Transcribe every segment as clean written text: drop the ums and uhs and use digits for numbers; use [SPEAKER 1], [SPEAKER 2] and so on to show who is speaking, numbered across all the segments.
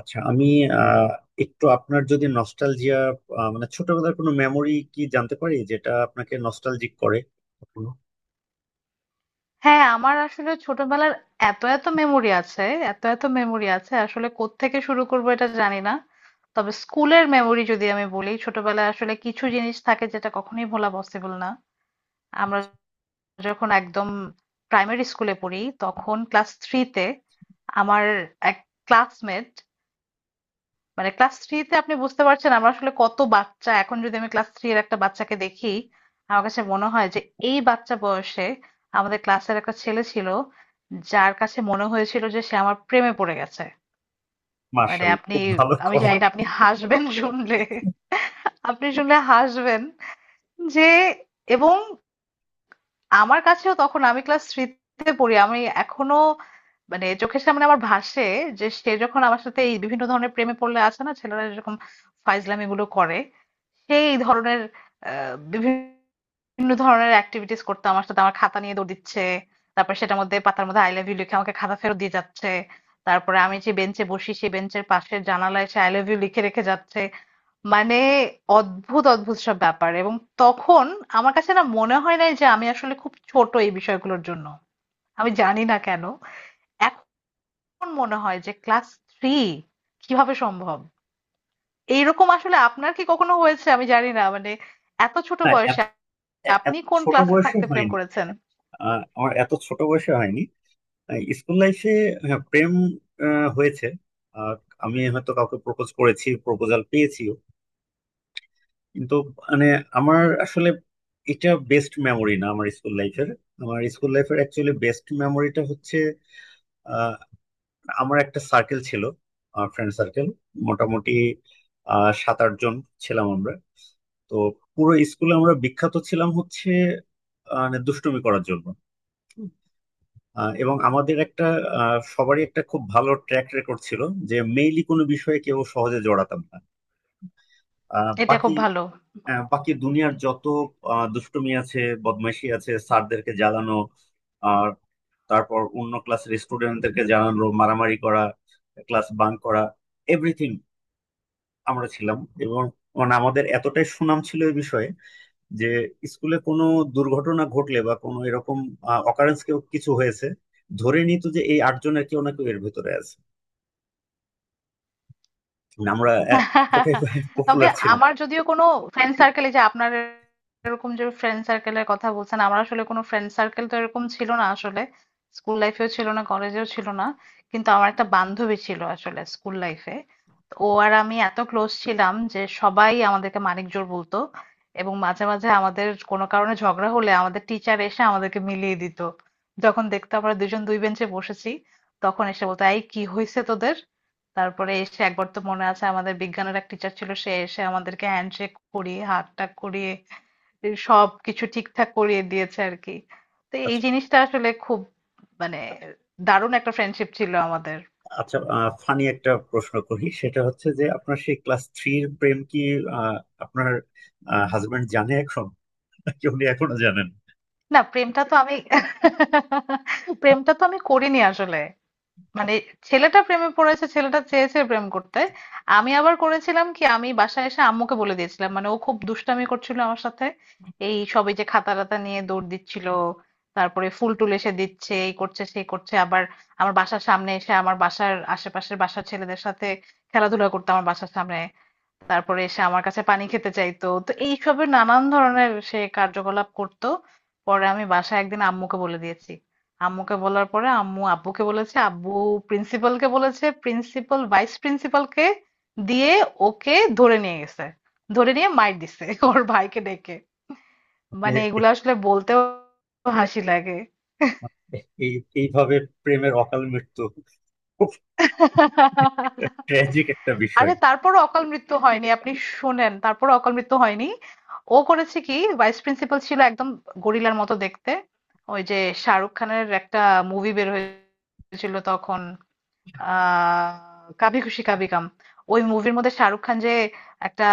[SPEAKER 1] আচ্ছা, আমি আহ, একটু আপনার যদি নস্টালজিয়া মানে ছোটবেলার কোনো মেমোরি কি জানতে পারি যেটা আপনাকে নস্টালজিক করে কখনো?
[SPEAKER 2] হ্যাঁ, আমার আসলে ছোটবেলার এত এত মেমোরি আছে, আসলে কোত্থেকে শুরু করবো এটা জানি না। তবে স্কুলের মেমোরি যদি আমি বলি, ছোটবেলায় আসলে কিছু জিনিস থাকে যেটা কখনোই ভোলা পসিবল না। আমরা যখন একদম প্রাইমারি স্কুলে পড়ি, তখন ক্লাস থ্রিতে আমার এক ক্লাসমেট, মানে ক্লাস থ্রিতে আপনি বুঝতে পারছেন আমরা আসলে কত বাচ্চা। এখন যদি আমি ক্লাস থ্রি এর একটা বাচ্চাকে দেখি, আমার কাছে মনে হয় যে এই বাচ্চা বয়সে আমাদের ক্লাসের একটা ছেলে ছিল, যার কাছে মনে হয়েছিল যে সে আমার প্রেমে পড়ে গেছে। মানে
[SPEAKER 1] মার্শাল
[SPEAKER 2] আপনি,
[SPEAKER 1] খুব ভালো
[SPEAKER 2] আমি
[SPEAKER 1] কম।
[SPEAKER 2] জানি না আপনি হাসবেন শুনলে, আপনি শুনলে হাসবেন যে, এবং আমার কাছেও তখন আমি ক্লাস থ্রিতে পড়ি, আমি এখনো মানে চোখের সামনে আমার ভাসে যে সে যখন আমার সাথে এই বিভিন্ন ধরনের প্রেমে পড়লে আছে না, ছেলেরা যেরকম ফাইজলামি গুলো করে সেই ধরনের বিভিন্ন ধরনের অ্যাক্টিভিটিস করতো আমার সাথে। আমার খাতা নিয়ে দৌড় দিচ্ছে, তারপর সেটার মধ্যে পাতার মধ্যে আই লাভ ইউ লিখে আমাকে খাতা ফেরত দিয়ে যাচ্ছে। তারপরে আমি যে বেঞ্চে বসি সেই বেঞ্চের পাশে জানালায় সে আই লাভ ইউ লিখে রেখে যাচ্ছে। মানে অদ্ভুত অদ্ভুত সব ব্যাপার, এবং তখন আমার কাছে না মনে হয় নাই যে আমি আসলে খুব ছোট এই বিষয়গুলোর জন্য। আমি জানি না কেন এখন মনে হয় যে ক্লাস থ্রি, কিভাবে সম্ভব এইরকম। আসলে আপনার কি কখনো হয়েছে আমি জানি না, মানে এত ছোট
[SPEAKER 1] না, এত
[SPEAKER 2] বয়সে?
[SPEAKER 1] এত
[SPEAKER 2] আপনি কোন
[SPEAKER 1] ছোট
[SPEAKER 2] ক্লাসে
[SPEAKER 1] বয়সে
[SPEAKER 2] থাকতে প্রেম
[SPEAKER 1] হয়নি।
[SPEAKER 2] করেছেন?
[SPEAKER 1] আমার এত ছোট বয়সে হয়নি। স্কুল লাইফে প্রেম হয়েছে। আর আমি হয়তো কাউকে প্রপোজ করেছি, প্রপোজাল পেয়েছিও, কিন্তু মানে আমার আসলে এটা বেস্ট মেমোরি না আমার স্কুল লাইফের। আমার স্কুল লাইফের অ্যাকচুয়ালি বেস্ট মেমোরিটা হচ্ছে আমার একটা সার্কেল ছিল, ফ্রেন্ড সার্কেল, মোটামুটি সাত আট জন ছিলাম আমরা। তো পুরো স্কুলে আমরা বিখ্যাত ছিলাম হচ্ছে মানে দুষ্টুমি করার জন্য। এবং আমাদের একটা সবারই একটা খুব ভালো ট্র্যাক রেকর্ড ছিল, যে মেইনলি কোনো বিষয়ে কেউ সহজে জড়াতাম না। আহ,
[SPEAKER 2] এটা
[SPEAKER 1] বাকি
[SPEAKER 2] খুব ভালো।
[SPEAKER 1] বাকি দুনিয়ার যত দুষ্টুমি আছে, বদমাইশি আছে, স্যারদেরকে জ্বালানো, আর তারপর অন্য ক্লাসের স্টুডেন্টদেরকে জানানো, মারামারি করা, ক্লাস বাঙ্ক করা, এভরিথিং আমরা ছিলাম। এবং মানে আমাদের এতটাই সুনাম ছিল এই বিষয়ে যে স্কুলে কোনো দুর্ঘটনা ঘটলে বা কোনো এরকম অকারেন্স কেউ কিছু হয়েছে, ধরে নিত যে এই আটজনের কেউ না কেউ এর ভেতরে আছে। মানে আমরা এতটাই
[SPEAKER 2] তবে
[SPEAKER 1] পপুলার ছিল।
[SPEAKER 2] আমার যদিও কোনো ফ্রেন্ড সার্কেলে যে আপনার, এরকম যে ফ্রেন্ড সার্কেলের কথা বলছেন, আমার আসলে কোনো ফ্রেন্ড সার্কেল তো এরকম ছিল না আসলে, স্কুল লাইফেও ছিল না, কলেজেও ছিল না। কিন্তু আমার একটা বান্ধবী ছিল আসলে স্কুল লাইফে। ও আর আমি এত ক্লোজ ছিলাম যে সবাই আমাদেরকে মানিক জোড় বলতো। এবং মাঝে মাঝে আমাদের কোনো কারণে ঝগড়া হলে আমাদের টিচার এসে আমাদেরকে মিলিয়ে দিত। যখন দেখতো আমরা দুজন দুই বেঞ্চে বসেছি, তখন এসে বলতো এই কি হয়েছে তোদের। তারপরে এসে একবার তো মনে আছে আমাদের বিজ্ঞানের এক টিচার ছিল, সে এসে আমাদেরকে হ্যান্ডশেক করিয়ে, হাতটাক করিয়ে সব কিছু ঠিকঠাক করিয়ে দিয়েছে আর কি। তো এই
[SPEAKER 1] আচ্ছা।
[SPEAKER 2] জিনিসটা আসলে খুব মানে দারুণ একটা ফ্রেন্ডশিপ ছিল আমাদের।
[SPEAKER 1] আচ্ছা, ফানি একটা প্রশ্ন করি, সেটা হচ্ছে যে আপনার সেই ক্লাস থ্রির প্রেম কি আহ, আপনার হাজবেন্ড জানে এখন, নাকি উনি এখনো জানেন?
[SPEAKER 2] না, প্রেমটা তো আমি প্রেমটা তো আমি করিনি আসলে। মানে ছেলেটা প্রেমে পড়েছে, ছেলেটা চেয়েছে প্রেম করতে। আমি আবার করেছিলাম কি, আমি বাসায় এসে আম্মুকে বলে দিয়েছিলাম, মানে ও খুব দুষ্টামি করছিল আমার সাথে। এই সবে যে খাতা টাতা নিয়ে দৌড় দিচ্ছিল, তারপরে ফুল টুল এসে দিচ্ছে, এই করছে সেই করছে, আবার আমার বাসার সামনে এসে আমার বাসার আশেপাশের বাসার ছেলেদের সাথে খেলাধুলা করতে আমার বাসার সামনে, তারপরে এসে আমার কাছে পানি খেতে চাইতো, তো এইসবের নানান ধরনের সে কার্যকলাপ করতো। পরে আমি বাসায় একদিন আম্মুকে বলে দিয়েছি। আম্মুকে বলার পরে আম্মু আব্বুকে বলেছে, আব্বু প্রিন্সিপালকে বলেছে, প্রিন্সিপাল ভাইস প্রিন্সিপালকে দিয়ে ওকে ধরে নিয়ে গেছে। ধরে নিয়ে মাইর দিছে ওর ভাইকে ডেকে।
[SPEAKER 1] আপনি
[SPEAKER 2] মানে
[SPEAKER 1] এ-
[SPEAKER 2] এগুলো আসলে বলতেও হাসি লাগে।
[SPEAKER 1] এ- এই এইভাবে প্রেমের অকাল মৃত্যু, খুব ট্র্যাজিক একটা
[SPEAKER 2] আরে
[SPEAKER 1] বিষয়।
[SPEAKER 2] তারপরও অকাল মৃত্যু হয়নি, আপনি শোনেন তারপরও অকাল মৃত্যু হয়নি। ও করেছে কি, ভাইস প্রিন্সিপাল ছিল একদম গরিলার মতো দেখতে। ওই যে শাহরুখ খানের একটা মুভি বের হয়েছিল তখন, আহ, কাভি খুশি কাভি গাম, ওই মুভির মধ্যে শাহরুখ খান যে একটা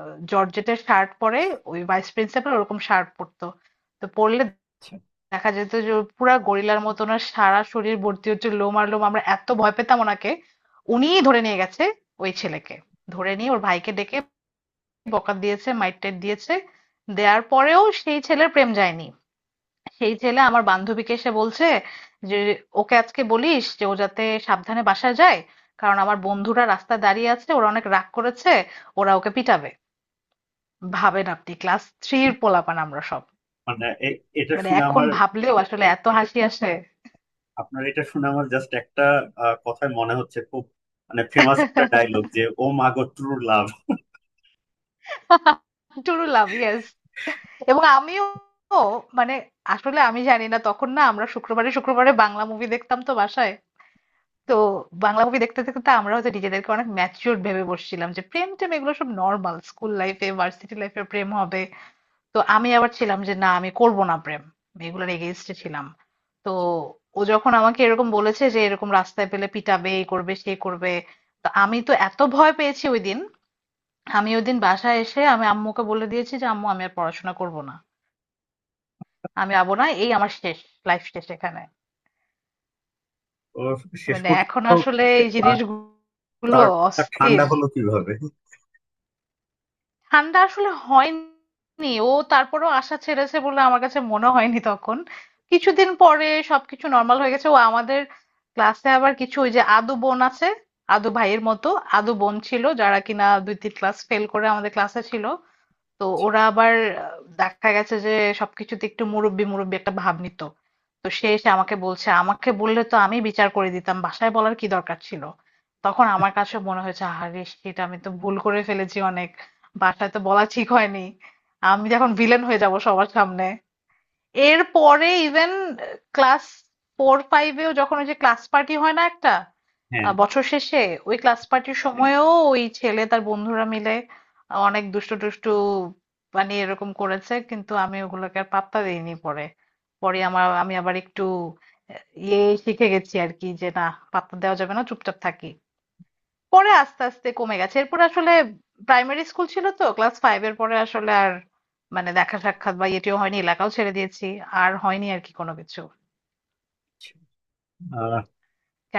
[SPEAKER 2] জর্জেটের শার্ট পরে, ওই ভাইস প্রিন্সিপাল ওরকম শার্ট পরতো। তো পরলে দেখা যেত যে ওর পুরা গরিলার মতন ওনার সারা শরীর ভর্তি হচ্ছে লোম আর লোম, আমরা এত ভয় পেতাম ওনাকে। উনিই ধরে নিয়ে গেছে ওই ছেলেকে, ধরে নিয়ে ওর ভাইকে ডেকে বকা দিয়েছে, মাইর দিয়েছে। দেওয়ার পরেও সেই ছেলের প্রেম যায়নি। সেই ছেলে আমার বান্ধবীকে এসে বলছে যে ওকে আজকে বলিস যে ও যাতে সাবধানে বাসায় যায়, কারণ আমার বন্ধুরা রাস্তায় দাঁড়িয়ে আছে, ওরা অনেক রাগ করেছে, ওরা ওকে পিটাবে। ভাবেন আপনি, ক্লাস থ্রির পোলাপান আমরা সব।
[SPEAKER 1] মানে এ- এটা
[SPEAKER 2] মানে
[SPEAKER 1] শুনে
[SPEAKER 2] এখন
[SPEAKER 1] আমার
[SPEAKER 2] ভাবলেও আসলে এত হাসি আসে।
[SPEAKER 1] আপনার এটা শুনে আমার জাস্ট একটা কথাই মনে হচ্ছে, খুব মানে ফেমাস একটা ডায়লগ, যে ও মাগো true love.
[SPEAKER 2] True love, yes. এবং আমিও মানে আসলে আমি জানি না, তখন না আমরা শুক্রবারে শুক্রবারে বাংলা মুভি দেখতাম তো বাসায়। তো বাংলা মুভি দেখতে দেখতে আমরা হয়তো নিজেদেরকে অনেক ম্যাচিওর ভেবে বসছিলাম যে প্রেম টেম এগুলো সব নর্মাল, স্কুল লাইফে ভার্সিটি লাইফে প্রেম হবে। তো আমি আবার ছিলাম যে না, আমি করব না প্রেম, আমি এগুলোর এগেইনস্টে ছিলাম। তো ও যখন আমাকে এরকম বলেছে যে এরকম রাস্তায় পেলে পিটাবে, এই করবে সে করবে, তো আমি তো এত ভয় পেয়েছি ওই দিন। আমি ওই দিন বাসায় এসে আমি আম্মুকে বলে দিয়েছি যে আম্মু আমি আর পড়াশোনা করব না, আমি যাবো না, এই আমার শেষ, লাইফ শেষ এখানে।
[SPEAKER 1] ও, শেষ
[SPEAKER 2] মানে এখন
[SPEAKER 1] পর্যন্ত
[SPEAKER 2] আসলে এই
[SPEAKER 1] আহ,
[SPEAKER 2] জিনিসগুলো
[SPEAKER 1] তার মাথা
[SPEAKER 2] অস্থির।
[SPEAKER 1] ঠান্ডা হলো কিভাবে?
[SPEAKER 2] ঠান্ডা আসলে হয়নি, ও তারপরেও আশা ছেড়েছে বলে আমার কাছে মনে হয়নি তখন। কিছুদিন পরে সবকিছু নর্মাল হয়ে গেছে। ও আমাদের ক্লাসে আবার কিছু ওই যে আদু বোন আছে, আদু ভাইয়ের মতো আদু বোন ছিল যারা কিনা দুই তিন ক্লাস ফেল করে আমাদের ক্লাসে ছিল, তো ওরা আবার দেখা গেছে যে সবকিছুতে একটু মুরব্বি মুরব্বি একটা ভাব নিত। তো সে এসে আমাকে বলছে, আমাকে বললে তো আমি বিচার করে দিতাম, বাসায় বলার কি দরকার ছিল। তখন আমার কাছে মনে হয়েছে আরে সেটা আমি তো ভুল করে ফেলেছি অনেক, বাসায় তো বলা ঠিক হয়নি, আমি যখন ভিলেন হয়ে যাব সবার সামনে। এরপরে ইভেন ক্লাস ফোর ফাইভেও যখন ওই যে ক্লাস পার্টি হয় না একটা,
[SPEAKER 1] হ্যাঁ।
[SPEAKER 2] বছর শেষে ওই ক্লাস পার্টির সময়ও ওই ছেলে তার বন্ধুরা মিলে অনেক দুষ্টু টুষ্টু মানে এরকম করেছে, কিন্তু আমি ওগুলোকে আর পাত্তা দিইনি পরে। পরে আমার আমি আবার একটু ইয়ে শিখে গেছি আর কি, যে না পাত্তা দেওয়া যাবে না, চুপচাপ থাকি। পরে আস্তে আস্তে কমে গেছে এরপর আসলে। প্রাইমারি স্কুল ছিল তো, ক্লাস ফাইভ এর পরে আসলে আর মানে দেখা সাক্ষাৎ বা ইয়েটিও হয়নি, এলাকাও ছেড়ে দিয়েছি, আর হয়নি আর কি কোনো কিছু।
[SPEAKER 1] আহ,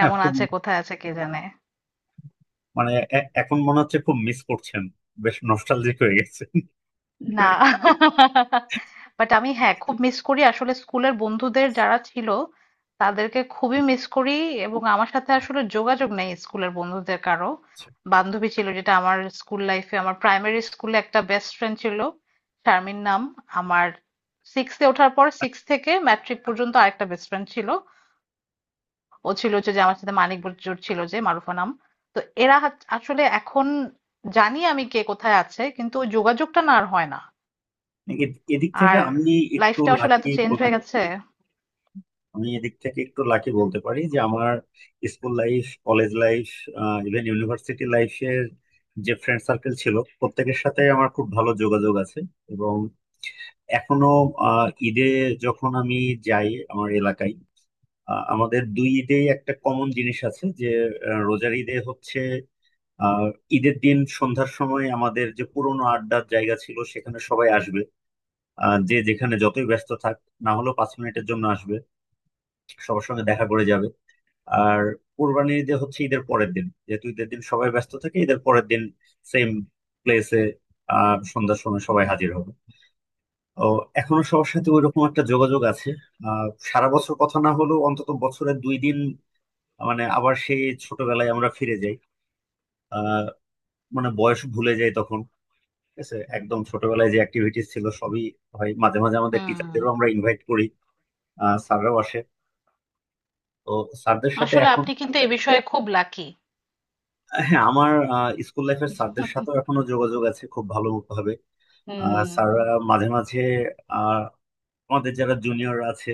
[SPEAKER 1] হ্যাঁ, খুব
[SPEAKER 2] আছে কোথায় আছে কে জানে।
[SPEAKER 1] মানে এখন মনে হচ্ছে খুব মিস করছেন, বেশ নস্টালজিক হয়ে গেছে।
[SPEAKER 2] না, বাট আমি হ্যাঁ খুব মিস করি আসলে স্কুলের বন্ধুদের যারা ছিল তাদেরকে খুবই মিস করি। এবং আমার সাথে আসলে যোগাযোগ নেই স্কুলের বন্ধুদের কারো। বান্ধবী ছিল যেটা আমার স্কুল লাইফে, আমার প্রাইমারি স্কুলে একটা বেস্ট ফ্রেন্ড ছিল, শারমিন নাম। আমার সিক্সে ওঠার পর, সিক্স থেকে ম্যাট্রিক পর্যন্ত আরেকটা বেস্ট ফ্রেন্ড ছিল, ও ছিল হচ্ছে যে আমার সাথে মানিক বজুর ছিল, যে মারুফা নাম। তো এরা আসলে এখন জানি আমি কে কোথায় আছে, কিন্তু ওই যোগাযোগটা না আর হয় না।
[SPEAKER 1] এ- এদিক থেকে
[SPEAKER 2] আর
[SPEAKER 1] আমি একটু
[SPEAKER 2] লাইফটা আসলে এত
[SPEAKER 1] লাকি
[SPEAKER 2] চেঞ্জ
[SPEAKER 1] বলতে
[SPEAKER 2] হয়ে গেছে।
[SPEAKER 1] আমি এদিক থেকে একটু লাকি বলতে পারি যে আমার school life, college life, even university লাইফের যে ফ্রেন্ড সার্কেল ছিল, প্রত্যেকের সাথে আমার খুব ভালো যোগাযোগ আছে। এবং এখনো ঈদে যখন আমি যাই আমার এলাকায়, আমাদের দুই ঈদেই একটা কমন জিনিস আছে, যে রোজার ঈদে হচ্ছে আহ ঈদের দিন সন্ধ্যার সময় আমাদের যে পুরোনো আড্ডার জায়গা ছিল সেখানে সবাই আসবে। যে যেখানে যতই ব্যস্ত থাক, না হলেও 5 মিনিটের জন্য আসবে, সবার সঙ্গে দেখা করে যাবে। আর কোরবানির ঈদে হচ্ছে ঈদের পরের দিন, যেহেতু ঈদের দিন সবাই ব্যস্ত থাকে, ঈদের পরের দিন সেম প্লেসে সন্ধ্যার সময় সবাই হাজির হবে। ও, এখনো সবার সাথে ওইরকম একটা যোগাযোগ আছে। সারা বছর কথা না হলেও অন্তত বছরে 2 দিন মানে আবার সেই ছোটবেলায় আমরা ফিরে যাই, আহ মানে বয়স ভুলে যাই তখন। ঠিক আছে, একদম ছোটবেলায় যে অ্যাক্টিভিটিস ছিল সবই হয়, মাঝে মাঝে আমাদের
[SPEAKER 2] হুম,
[SPEAKER 1] টিচারদেরও আমরা ইনভাইট করি, স্যাররাও আসে। তো স্যারদের সাথে
[SPEAKER 2] আসলে
[SPEAKER 1] এখন,
[SPEAKER 2] আপনি কিন্তু এই বিষয়ে খুব লাকি।
[SPEAKER 1] হ্যাঁ, আমার স্কুল লাইফের স্যারদের সাথেও এখনো যোগাযোগ আছে খুব ভালো ভাবে।
[SPEAKER 2] হুম।
[SPEAKER 1] স্যাররা মাঝে মাঝে আহ, আমাদের যারা জুনিয়র আছে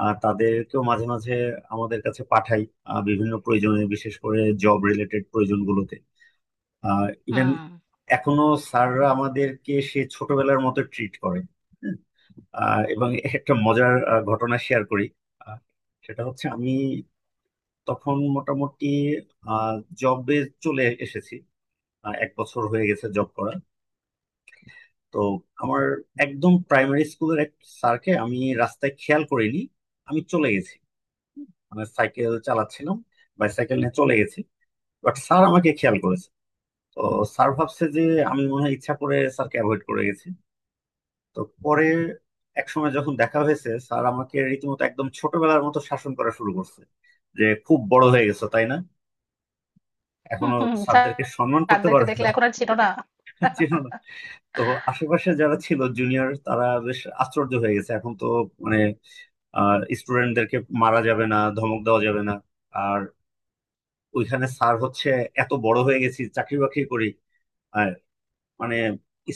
[SPEAKER 1] তাদেরকেও মাঝে মাঝে আমাদের কাছে পাঠাই, বিভিন্ন প্রয়োজনে, বিশেষ করে জব রিলেটেড প্রয়োজনগুলোতে। আর ইভেন
[SPEAKER 2] হুম,
[SPEAKER 1] এখনো স্যাররা আমাদেরকে সে ছোটবেলার মতো ট্রিট করে। হুম। এবং একটা মজার ঘটনা শেয়ার করি। আহ, সেটা হচ্ছে আমি তখন মোটামুটি জবে চলে এসেছি, এক বছর হয়ে গেছে জব করা। তো আমার একদম প্রাইমারি স্কুলের এক স্যারকে আমি রাস্তায় খেয়াল করিনি, আমি চলে গেছি, মানে সাইকেল চালাচ্ছিলাম, বাইসাইকেল নিয়ে চলে গেছি, বাট স্যার আমাকে খেয়াল করেছে। তো স্যার ভাবছে যে আমি মনে হয় ইচ্ছা করে স্যারকে অ্যাভয়েড করে গেছি। তো পরে এক সময় যখন দেখা হয়েছে, স্যার আমাকে রীতিমতো একদম ছোটবেলার মতো শাসন করা শুরু করছে, যে খুব বড় হয়ে গেছো তাই না,
[SPEAKER 2] হুম,
[SPEAKER 1] এখনো
[SPEAKER 2] হুম,
[SPEAKER 1] স্যারদেরকে সম্মান করতে
[SPEAKER 2] তাদেরকে
[SPEAKER 1] পারো
[SPEAKER 2] দেখলে
[SPEAKER 1] না।
[SPEAKER 2] এখন আর চিনো না।
[SPEAKER 1] চেনো। তো আশেপাশে যারা ছিল জুনিয়র, তারা বেশ আশ্চর্য হয়ে গেছে, এখন তো মানে স্টুডেন্টদেরকে মারা যাবে না, ধমক দেওয়া যাবে না, আর ওইখানে স্যার হচ্ছে, এত বড় হয়ে গেছি, চাকরি বাকরি করি, আর মানে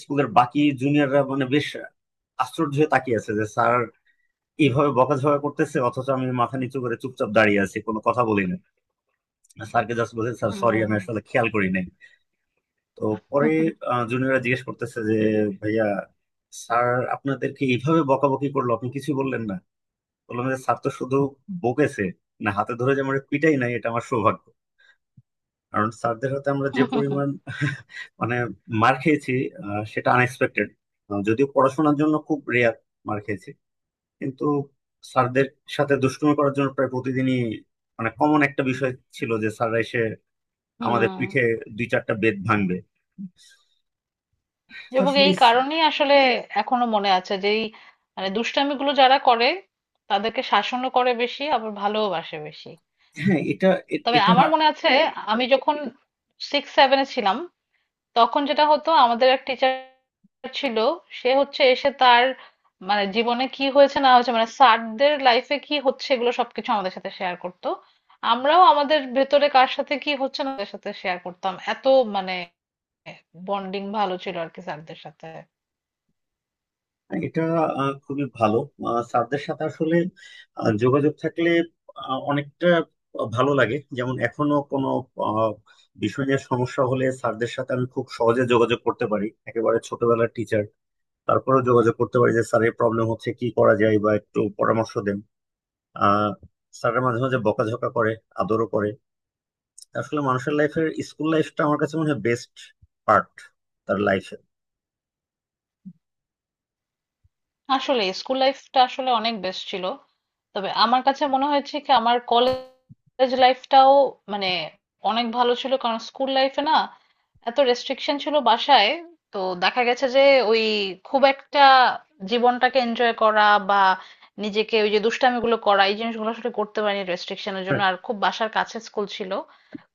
[SPEAKER 1] স্কুলের বাকি জুনিয়ররা মানে বেশ আশ্চর্য হয়ে তাকিয়ে আছে যে স্যার এইভাবে বকাঝকা করতেছে অথচ আমি মাথা নিচু করে চুপচাপ দাঁড়িয়ে আছি, কোনো কথা বলি না। স্যারকে জাস্ট বলছি, স্যার সরি,
[SPEAKER 2] হুম,
[SPEAKER 1] আমি আসলে খেয়াল করি নাই। তো পরে জুনিয়ররা জিজ্ঞেস করতেছে, যে ভাইয়া, স্যার আপনাদেরকে এইভাবে বকাবকি করলো, আপনি কিছু বললেন না? বললাম যে স্যার তো শুধু বকেছে, না হাতে ধরে যে আমার পিটাই নাই, এটা আমার সৌভাগ্য। কারণ স্যারদের হাতে আমরা যে পরিমাণ মানে মার খেয়েছি, সেটা আনএক্সপেক্টেড, যদিও পড়াশোনার জন্য খুব রেয়ার মার খেয়েছি, কিন্তু স্যারদের সাথে দুষ্টুমি করার জন্য প্রায় প্রতিদিনই মানে কমন একটা বিষয় ছিল যে স্যাররা এসে
[SPEAKER 2] হুম।
[SPEAKER 1] আমাদের পিঠে দুই চারটা বেত ভাঙবে। তো
[SPEAKER 2] এবং
[SPEAKER 1] আসলে
[SPEAKER 2] এই কারণেই আসলে এখনো মনে আছে যে এই মানে দুষ্টামিগুলো যারা করে তাদেরকে শাসনও করে বেশি, আবার ভালোবাসে বেশি।
[SPEAKER 1] হ্যাঁ, এটা এ-
[SPEAKER 2] তবে
[SPEAKER 1] এটা
[SPEAKER 2] আমার মনে আছে, আমি যখন সিক্স সেভেনে ছিলাম তখন যেটা হতো আমাদের এক টিচার ছিল, সে হচ্ছে এসে তার মানে জীবনে কি হয়েছে না হয়েছে, মানে স্যারদের লাইফে কি হচ্ছে এগুলো সবকিছু আমাদের সাথে শেয়ার করতো। আমরাও আমাদের ভেতরে কার সাথে কি হচ্ছে না তাদের সাথে শেয়ার করতাম। এত মানে বন্ডিং ভালো ছিল আর কি স্যারদের সাথে।
[SPEAKER 1] এটা খুবই ভালো। স্যারদের সাথে আসলে যোগাযোগ থাকলে অনেকটা ভালো লাগে, যেমন এখনো কোনো আহ, বিষয় নিয়ে সমস্যা হলে স্যারদের সাথে আমি খুব সহজে যোগাযোগ করতে পারি, একেবারে ছোটবেলার টিচার, তারপরেও যোগাযোগ করতে পারি যে স্যারের প্রবলেম হচ্ছে, কি করা যায় বা একটু পরামর্শ দেন। আহ স্যারের মাঝে মাঝে বকাঝকা করে, আদরও করে। আসলে মানুষের লাইফের স্কুল লাইফটা আমার কাছে মনে হয় বেস্ট পার্ট তার লাইফের।
[SPEAKER 2] আসলে স্কুল লাইফটা আসলে অনেক বেস্ট ছিল। তবে আমার কাছে মনে হয়েছে কি আমার কলেজ লাইফটাও মানে অনেক ভালো ছিল, কারণ স্কুল লাইফে না এত রেস্ট্রিকশন ছিল বাসায়। তো দেখা গেছে যে ওই খুব একটা জীবনটাকে এনজয় করা বা নিজেকে ওই যে দুষ্টামিগুলো করা, এই জিনিসগুলো আসলে করতে পারিনি রেস্ট্রিকশনের জন্য, আর খুব বাসার কাছে স্কুল ছিল।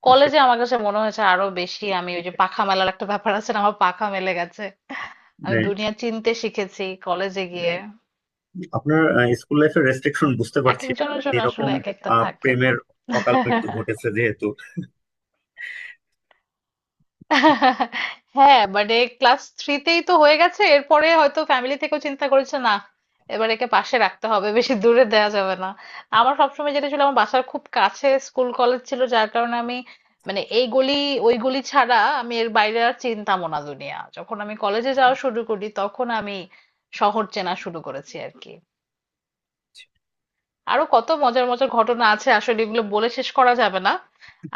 [SPEAKER 2] কলেজে আমার কাছে মনে হয়েছে আরো বেশি, আমি ওই যে পাখা মেলার একটা ব্যাপার আছে না, আমার পাখা মেলে গেছে। আমি দুনিয়া চিনতে শিখেছি কলেজে গিয়ে।
[SPEAKER 1] আপনার স্কুল লাইফের রেস্ট্রিকশন বুঝতে
[SPEAKER 2] এক
[SPEAKER 1] পারছি।
[SPEAKER 2] একজনের জন্য আসলে
[SPEAKER 1] এরকম
[SPEAKER 2] এক একটা থাকে।
[SPEAKER 1] প্রেমের অকাল মৃত্যু ঘটেছে যেহেতু।
[SPEAKER 2] হ্যাঁ, মানে ক্লাস থ্রিতেই তো হয়ে গেছে, এরপরে হয়তো ফ্যামিলি থেকেও চিন্তা করেছে না, এবার একে পাশে রাখতে হবে, বেশি দূরে দেওয়া যাবে না। আমার সবসময় যেটা ছিল আমার বাসার খুব কাছে স্কুল কলেজ ছিল, যার কারণে আমি মানে এই গলি ওই গলি ছাড়া আমি এর বাইরে আর চিনতামও না দুনিয়া। যখন আমি কলেজে যাওয়া শুরু করি তখন আমি শহর চেনা শুরু করেছি আর কি। আরো কত মজার মজার ঘটনা আছে আসলে, এগুলো বলে শেষ করা যাবে না।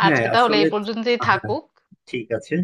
[SPEAKER 1] হ্যাঁ
[SPEAKER 2] আজকে তাহলে
[SPEAKER 1] আসলে।
[SPEAKER 2] এই পর্যন্তই
[SPEAKER 1] হ্যাঁ,
[SPEAKER 2] থাকুক।
[SPEAKER 1] ঠিক আছে।